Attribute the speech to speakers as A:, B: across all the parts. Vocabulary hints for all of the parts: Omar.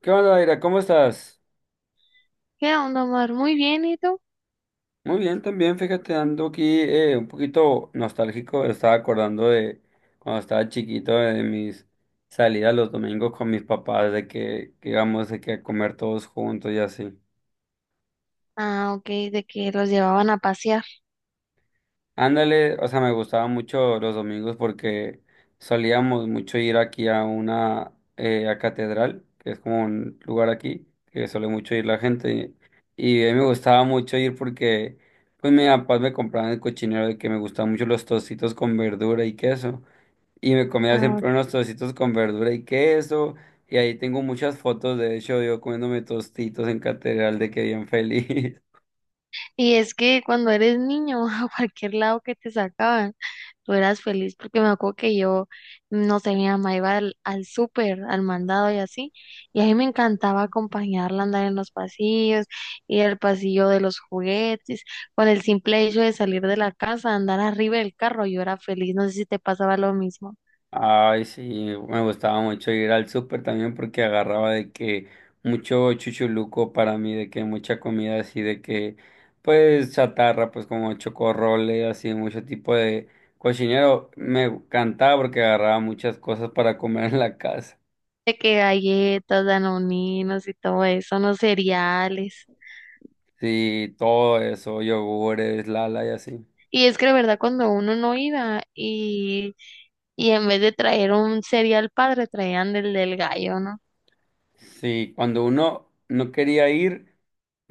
A: ¿Qué onda, Daira? ¿Cómo estás?
B: ¿Qué onda, Omar? Muy bien, ¿y tú?
A: Muy bien, también, fíjate, ando aquí un poquito nostálgico. Estaba acordando de cuando estaba chiquito, de mis salidas los domingos con mis papás, de que íbamos de que a comer todos juntos y así.
B: Ah, ok, de que los llevaban a pasear.
A: Ándale, o sea, me gustaba mucho los domingos porque solíamos mucho ir aquí a una a catedral, que es como un lugar aquí, que suele mucho ir la gente. Y a mí me gustaba mucho ir porque, pues, mi papá me compraba en el cochinero de que me gustaban mucho los tocitos con verdura y queso. Y me comía
B: Ah, ok.
A: siempre unos tocitos con verdura y queso. Y ahí tengo muchas fotos, de hecho, yo comiéndome tostitos en catedral de que bien feliz.
B: Y es que cuando eres niño, a cualquier lado que te sacaban, tú eras feliz porque me acuerdo que yo, no sé, mi mamá iba al súper, al mandado y así, y a mí me encantaba acompañarla a andar en los pasillos, ir al pasillo de los juguetes, con el simple hecho de salir de la casa, andar arriba del carro, yo era feliz, no sé si te pasaba lo mismo.
A: Ay, sí, me gustaba mucho ir al súper también porque agarraba de que mucho chuchuluco para mí, de que mucha comida así, de que pues chatarra, pues como chocorrole, así, mucho tipo de cochinero. Me encantaba porque agarraba muchas cosas para comer en la casa.
B: De que galletas, danoninos y todo eso, no cereales.
A: Sí, todo eso, yogures, lala y así.
B: Y es que de verdad cuando uno no iba y en vez de traer un cereal padre, traían del gallo, ¿no?
A: Sí, cuando uno no quería ir.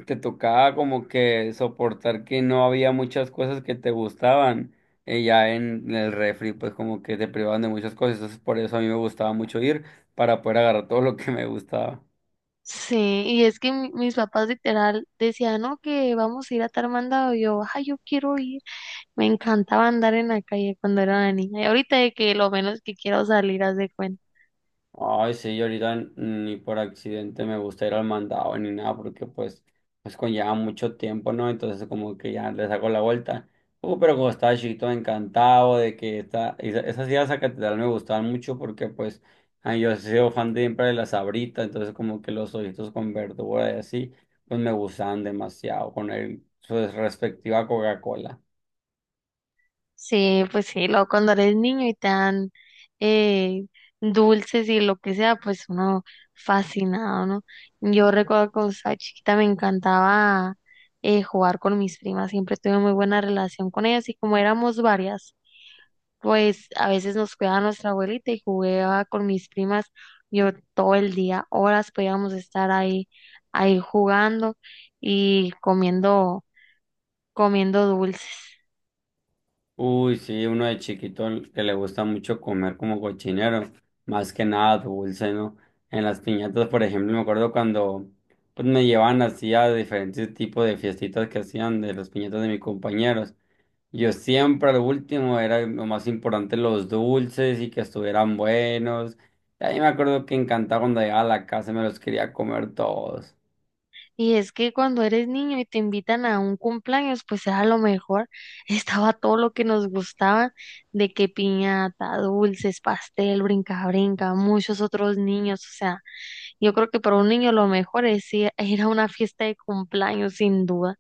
A: Te tocaba como que soportar que no había muchas cosas que te gustaban. Ya en el refri, pues como que te privaban de muchas cosas. Entonces por eso a mí me gustaba mucho ir para poder agarrar todo lo que me gustaba.
B: Sí, y es que mis papás literal decían, no, que vamos a ir a tal mandado. Y yo, ay, yo quiero ir. Me encantaba andar en la calle cuando era una niña. Y ahorita de que lo menos que quiero salir, haz de cuenta.
A: Ay, sí, yo ahorita ni por accidente me gusta ir al mandado ni nada, porque pues, pues conlleva mucho tiempo, ¿no? Entonces como que ya le saco la vuelta. Pero como estaba chiquito, encantado de que esta, esas ideas a catedral me gustaban mucho porque pues ay, yo he sido fan de siempre de las sabritas, entonces como que los ojitos con verdura y así, pues me gustaban demasiado con el, su respectiva Coca-Cola.
B: Sí, pues sí, luego cuando eres niño y te dan eh, dulces y lo que sea, pues uno fascinado, ¿no? Yo recuerdo que cuando estaba chiquita me encantaba jugar con mis primas, siempre tuve muy buena relación con ellas y como éramos varias, pues a veces nos cuidaba nuestra abuelita y jugaba con mis primas yo todo el día, horas podíamos estar ahí, ahí jugando y comiendo, comiendo dulces.
A: Uy, sí, uno de chiquito que le gusta mucho comer como cochinero, más que nada dulce, ¿no? En las piñatas, por ejemplo, me acuerdo cuando pues me llevaban así a diferentes tipos de fiestitas que hacían de las piñatas de mis compañeros. Yo siempre al último era lo más importante los dulces y que estuvieran buenos. Y ahí me acuerdo que encantaba cuando llegaba a la casa y me los quería comer todos.
B: Y es que cuando eres niño y te invitan a un cumpleaños, pues era lo mejor. Estaba todo lo que nos gustaba, de que piñata, dulces, pastel, brinca, brinca, muchos otros niños. O sea, yo creo que para un niño lo mejor es ir a una fiesta de cumpleaños, sin duda.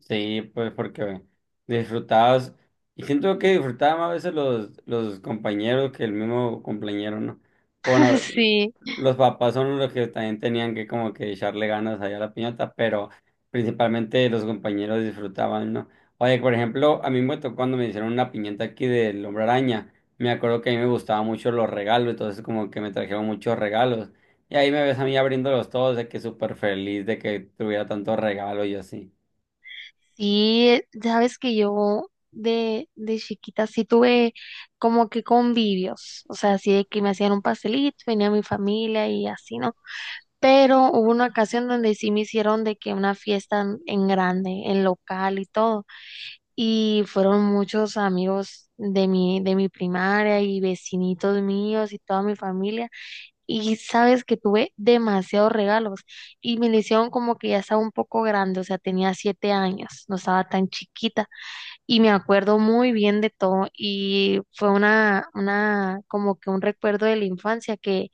A: Sí, pues porque disfrutabas, y siento que disfrutaba más a veces los compañeros que el mismo compañero, ¿no? Bueno,
B: Sí,
A: los papás son los que también tenían que como que echarle ganas allá a la piñata, pero principalmente los compañeros disfrutaban, ¿no? Oye, por ejemplo, a mí me tocó cuando me hicieron una piñata aquí del Hombre Araña, me acuerdo que a mí me gustaban mucho los regalos, entonces como que me trajeron muchos regalos, y ahí me ves a mí abriéndolos todos, de que súper feliz de que tuviera tantos regalos y así.
B: sí, sabes que yo de chiquita sí tuve como que convivios. O sea, así de que me hacían un pastelito, venía mi familia y así, ¿no? Pero hubo una ocasión donde sí me hicieron de que una fiesta en grande, en local y todo, y fueron muchos amigos de mi primaria y vecinitos míos y toda mi familia, y sabes que tuve demasiados regalos, y me lo hicieron como que ya estaba un poco grande, o sea, tenía 7 años, no estaba tan chiquita, y me acuerdo muy bien de todo, y fue como que un recuerdo de la infancia que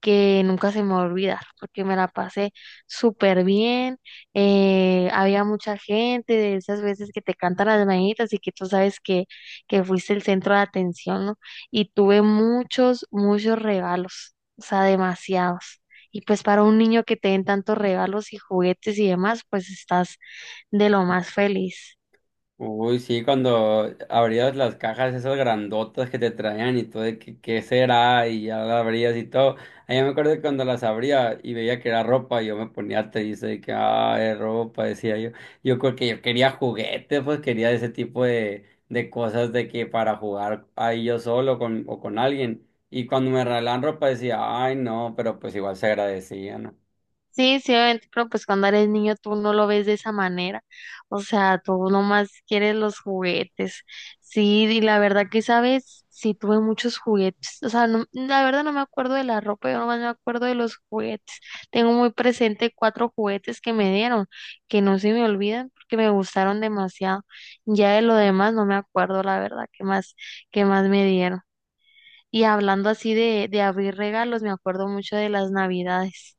B: que nunca se me va a olvidar, porque me la pasé súper bien, había mucha gente, de esas veces que te cantan las mañanitas y que tú sabes que fuiste el centro de atención, ¿no? Y tuve muchos, muchos regalos, o sea, demasiados. Y pues para un niño que te den tantos regalos y juguetes y demás, pues estás de lo más feliz.
A: Uy, sí, cuando abrías las cajas esas grandotas que te traían y todo, de que qué será, y ya las abrías y todo. Ahí me acuerdo que cuando las abría y veía que era ropa, yo me ponía triste de que, ah, es ropa, decía yo. Yo creo que yo quería juguetes, pues quería ese tipo de cosas de que para jugar ahí yo solo con, o con alguien. Y cuando me regalaban ropa decía, ay, no, pero pues igual se agradecía, ¿no?
B: Sí, sí, obviamente, pero pues cuando eres niño tú no lo ves de esa manera. O sea, tú nomás quieres los juguetes. Sí, y la verdad que sabes, sí tuve muchos juguetes. O sea, no, la verdad no me acuerdo de la ropa, yo nomás me acuerdo de los juguetes. Tengo muy presente cuatro juguetes que me dieron, que no se me olvidan porque me gustaron demasiado. Ya de lo demás no me acuerdo, la verdad, qué más me dieron. Y hablando así de abrir regalos, me acuerdo mucho de las navidades.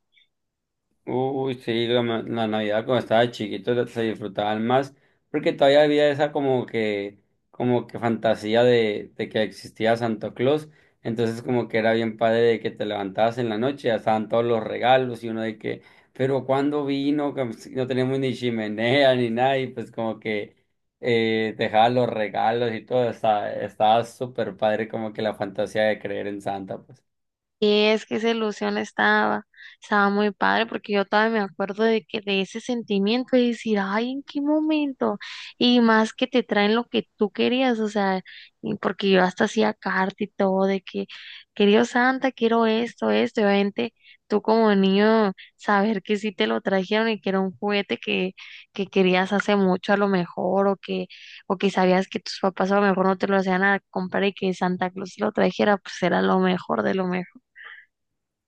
A: Uy, sí, la, la Navidad cuando estaba chiquito se disfrutaban más, porque todavía había esa como que fantasía de que existía Santo Claus, entonces como que era bien padre de que te levantabas en la noche, ya estaban todos los regalos y uno de que, ¿pero cuando vino? Como si no teníamos ni chimenea ni nada y pues como que dejaba los regalos y todo, estaba súper padre como que la fantasía de creer en Santa, pues.
B: Y es que esa ilusión estaba muy padre porque yo todavía me acuerdo de que de ese sentimiento de decir, ay, ¿en qué momento? Y más que te traen lo que tú querías, o sea, y porque yo hasta hacía carta y todo de que, querido Santa, quiero esto, esto, y obviamente tú como niño saber que sí te lo trajeron y que era un juguete que querías hace mucho a lo mejor o que sabías que tus papás a lo mejor no te lo hacían a comprar y que Santa Claus te lo trajera, pues era lo mejor de lo mejor.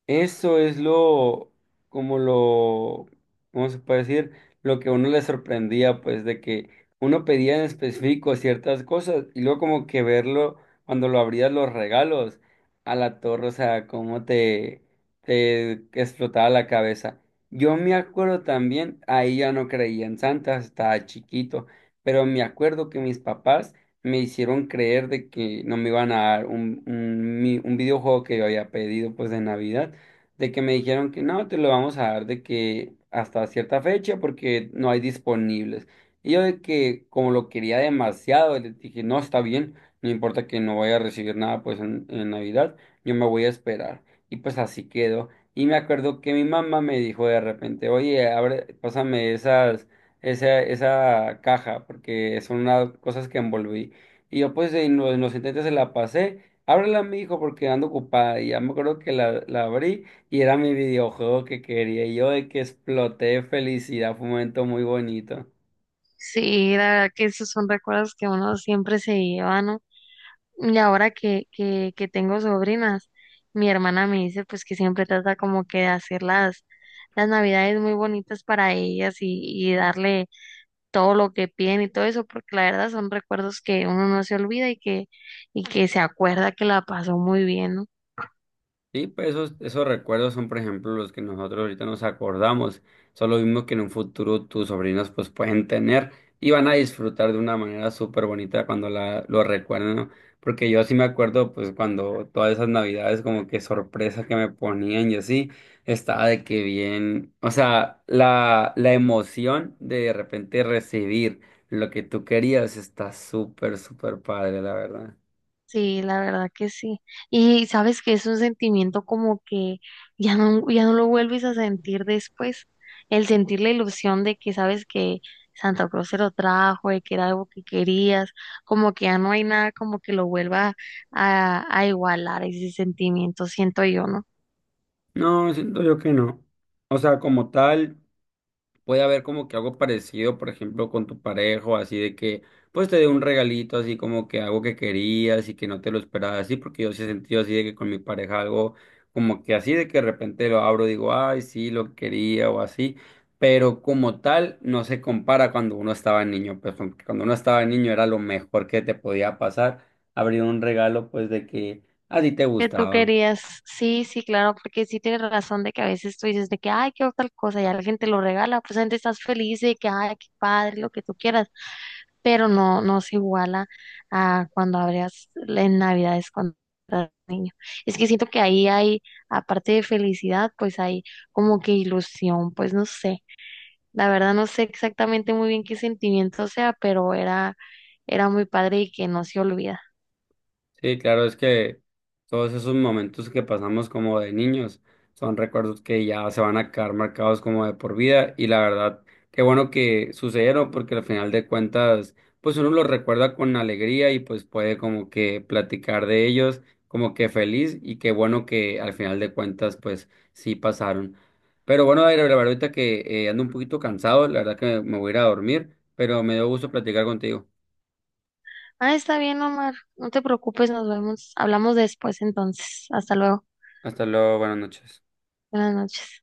A: Eso es lo, como lo, ¿cómo se puede decir? Lo que a uno le sorprendía, pues, de que uno pedía en específico ciertas cosas y luego como que verlo cuando lo abrías los regalos a la torre, o sea, cómo te explotaba la cabeza. Yo me acuerdo también, ahí ya no creía en Santa, estaba chiquito, pero me acuerdo que mis papás me hicieron creer de que no me iban a dar un videojuego que yo había pedido, pues, de Navidad de que me dijeron que no, te lo vamos a dar de que hasta cierta fecha porque no hay disponibles. Y yo de que como lo quería demasiado, le dije, no, está bien, no importa que no vaya a recibir nada pues en Navidad, yo me voy a esperar. Y pues así quedó. Y me acuerdo que mi mamá me dijo de repente, oye, abre, pásame esa caja, porque son unas cosas que envolví. Y yo pues en en los intentes se la pasé, ábrela, mi hijo, porque ando ocupada. Y ya me acuerdo que la abrí. Y era mi videojuego que quería. Y yo de que exploté de felicidad. Fue un momento muy bonito.
B: Sí, la verdad que esos son recuerdos que uno siempre se lleva, ¿no? Y ahora que tengo sobrinas, mi hermana me dice pues que siempre trata como que de hacer las navidades muy bonitas para ellas y darle todo lo que piden y todo eso, porque la verdad son recuerdos que uno no se olvida y que se acuerda que la pasó muy bien, ¿no?
A: Sí, pues esos recuerdos son, por ejemplo, los que nosotros ahorita nos acordamos. Son los mismos que en un futuro tus sobrinos pues pueden tener y van a disfrutar de una manera súper bonita cuando la, lo recuerden, ¿no? Porque yo sí me acuerdo pues cuando todas esas navidades como que sorpresas que me ponían y así, estaba de que bien, o sea, la emoción de repente recibir lo que tú querías está súper, súper padre, la verdad.
B: Sí, la verdad que sí. Y sabes que es un sentimiento como que ya no, ya no lo vuelves a sentir después. El sentir la ilusión de que sabes que Santa Cruz se lo trajo, de que era algo que querías, como que ya no hay nada como que lo vuelva a igualar ese sentimiento, siento yo, ¿no?
A: No, siento yo que no. O sea, como tal. Puede haber como que algo parecido, por ejemplo, con tu pareja, así de que, pues te dé un regalito, así como que algo que querías y que no te lo esperabas, así, porque yo sí he sentido así de que con mi pareja algo como que así de que de repente lo abro, digo, ay, sí, lo quería o así, pero como tal no se compara cuando uno estaba niño, pues cuando uno estaba niño era lo mejor que te podía pasar, abrir un regalo, pues de que a ti te
B: Que tú
A: gustaba.
B: querías, sí, sí, claro, porque sí tienes razón de que a veces tú dices de que, ay, qué tal cosa, y a la gente lo regala, pues la gente estás feliz de que, ay, qué padre, lo que tú quieras, pero no, no se iguala a cuando abrías en Navidades cuando eras niño. Es que siento que ahí hay, aparte de felicidad, pues hay como que ilusión, pues no sé. La verdad no sé exactamente muy bien qué sentimiento sea, pero era, era muy padre y que no se olvida.
A: Sí, claro, es que todos esos momentos que pasamos como de niños son recuerdos que ya se van a quedar marcados como de por vida y la verdad, qué bueno que sucedieron porque al final de cuentas, pues uno los recuerda con alegría y pues puede como que platicar de ellos como que feliz y qué bueno que al final de cuentas pues sí pasaron. Pero bueno, Aire, la verdad ahorita que ando un poquito cansado, la verdad que me voy a ir a dormir, pero me dio gusto platicar contigo.
B: Ah, está bien, Omar. No te preocupes, nos vemos. Hablamos después entonces. Hasta luego.
A: Hasta luego, buenas noches.
B: Buenas noches.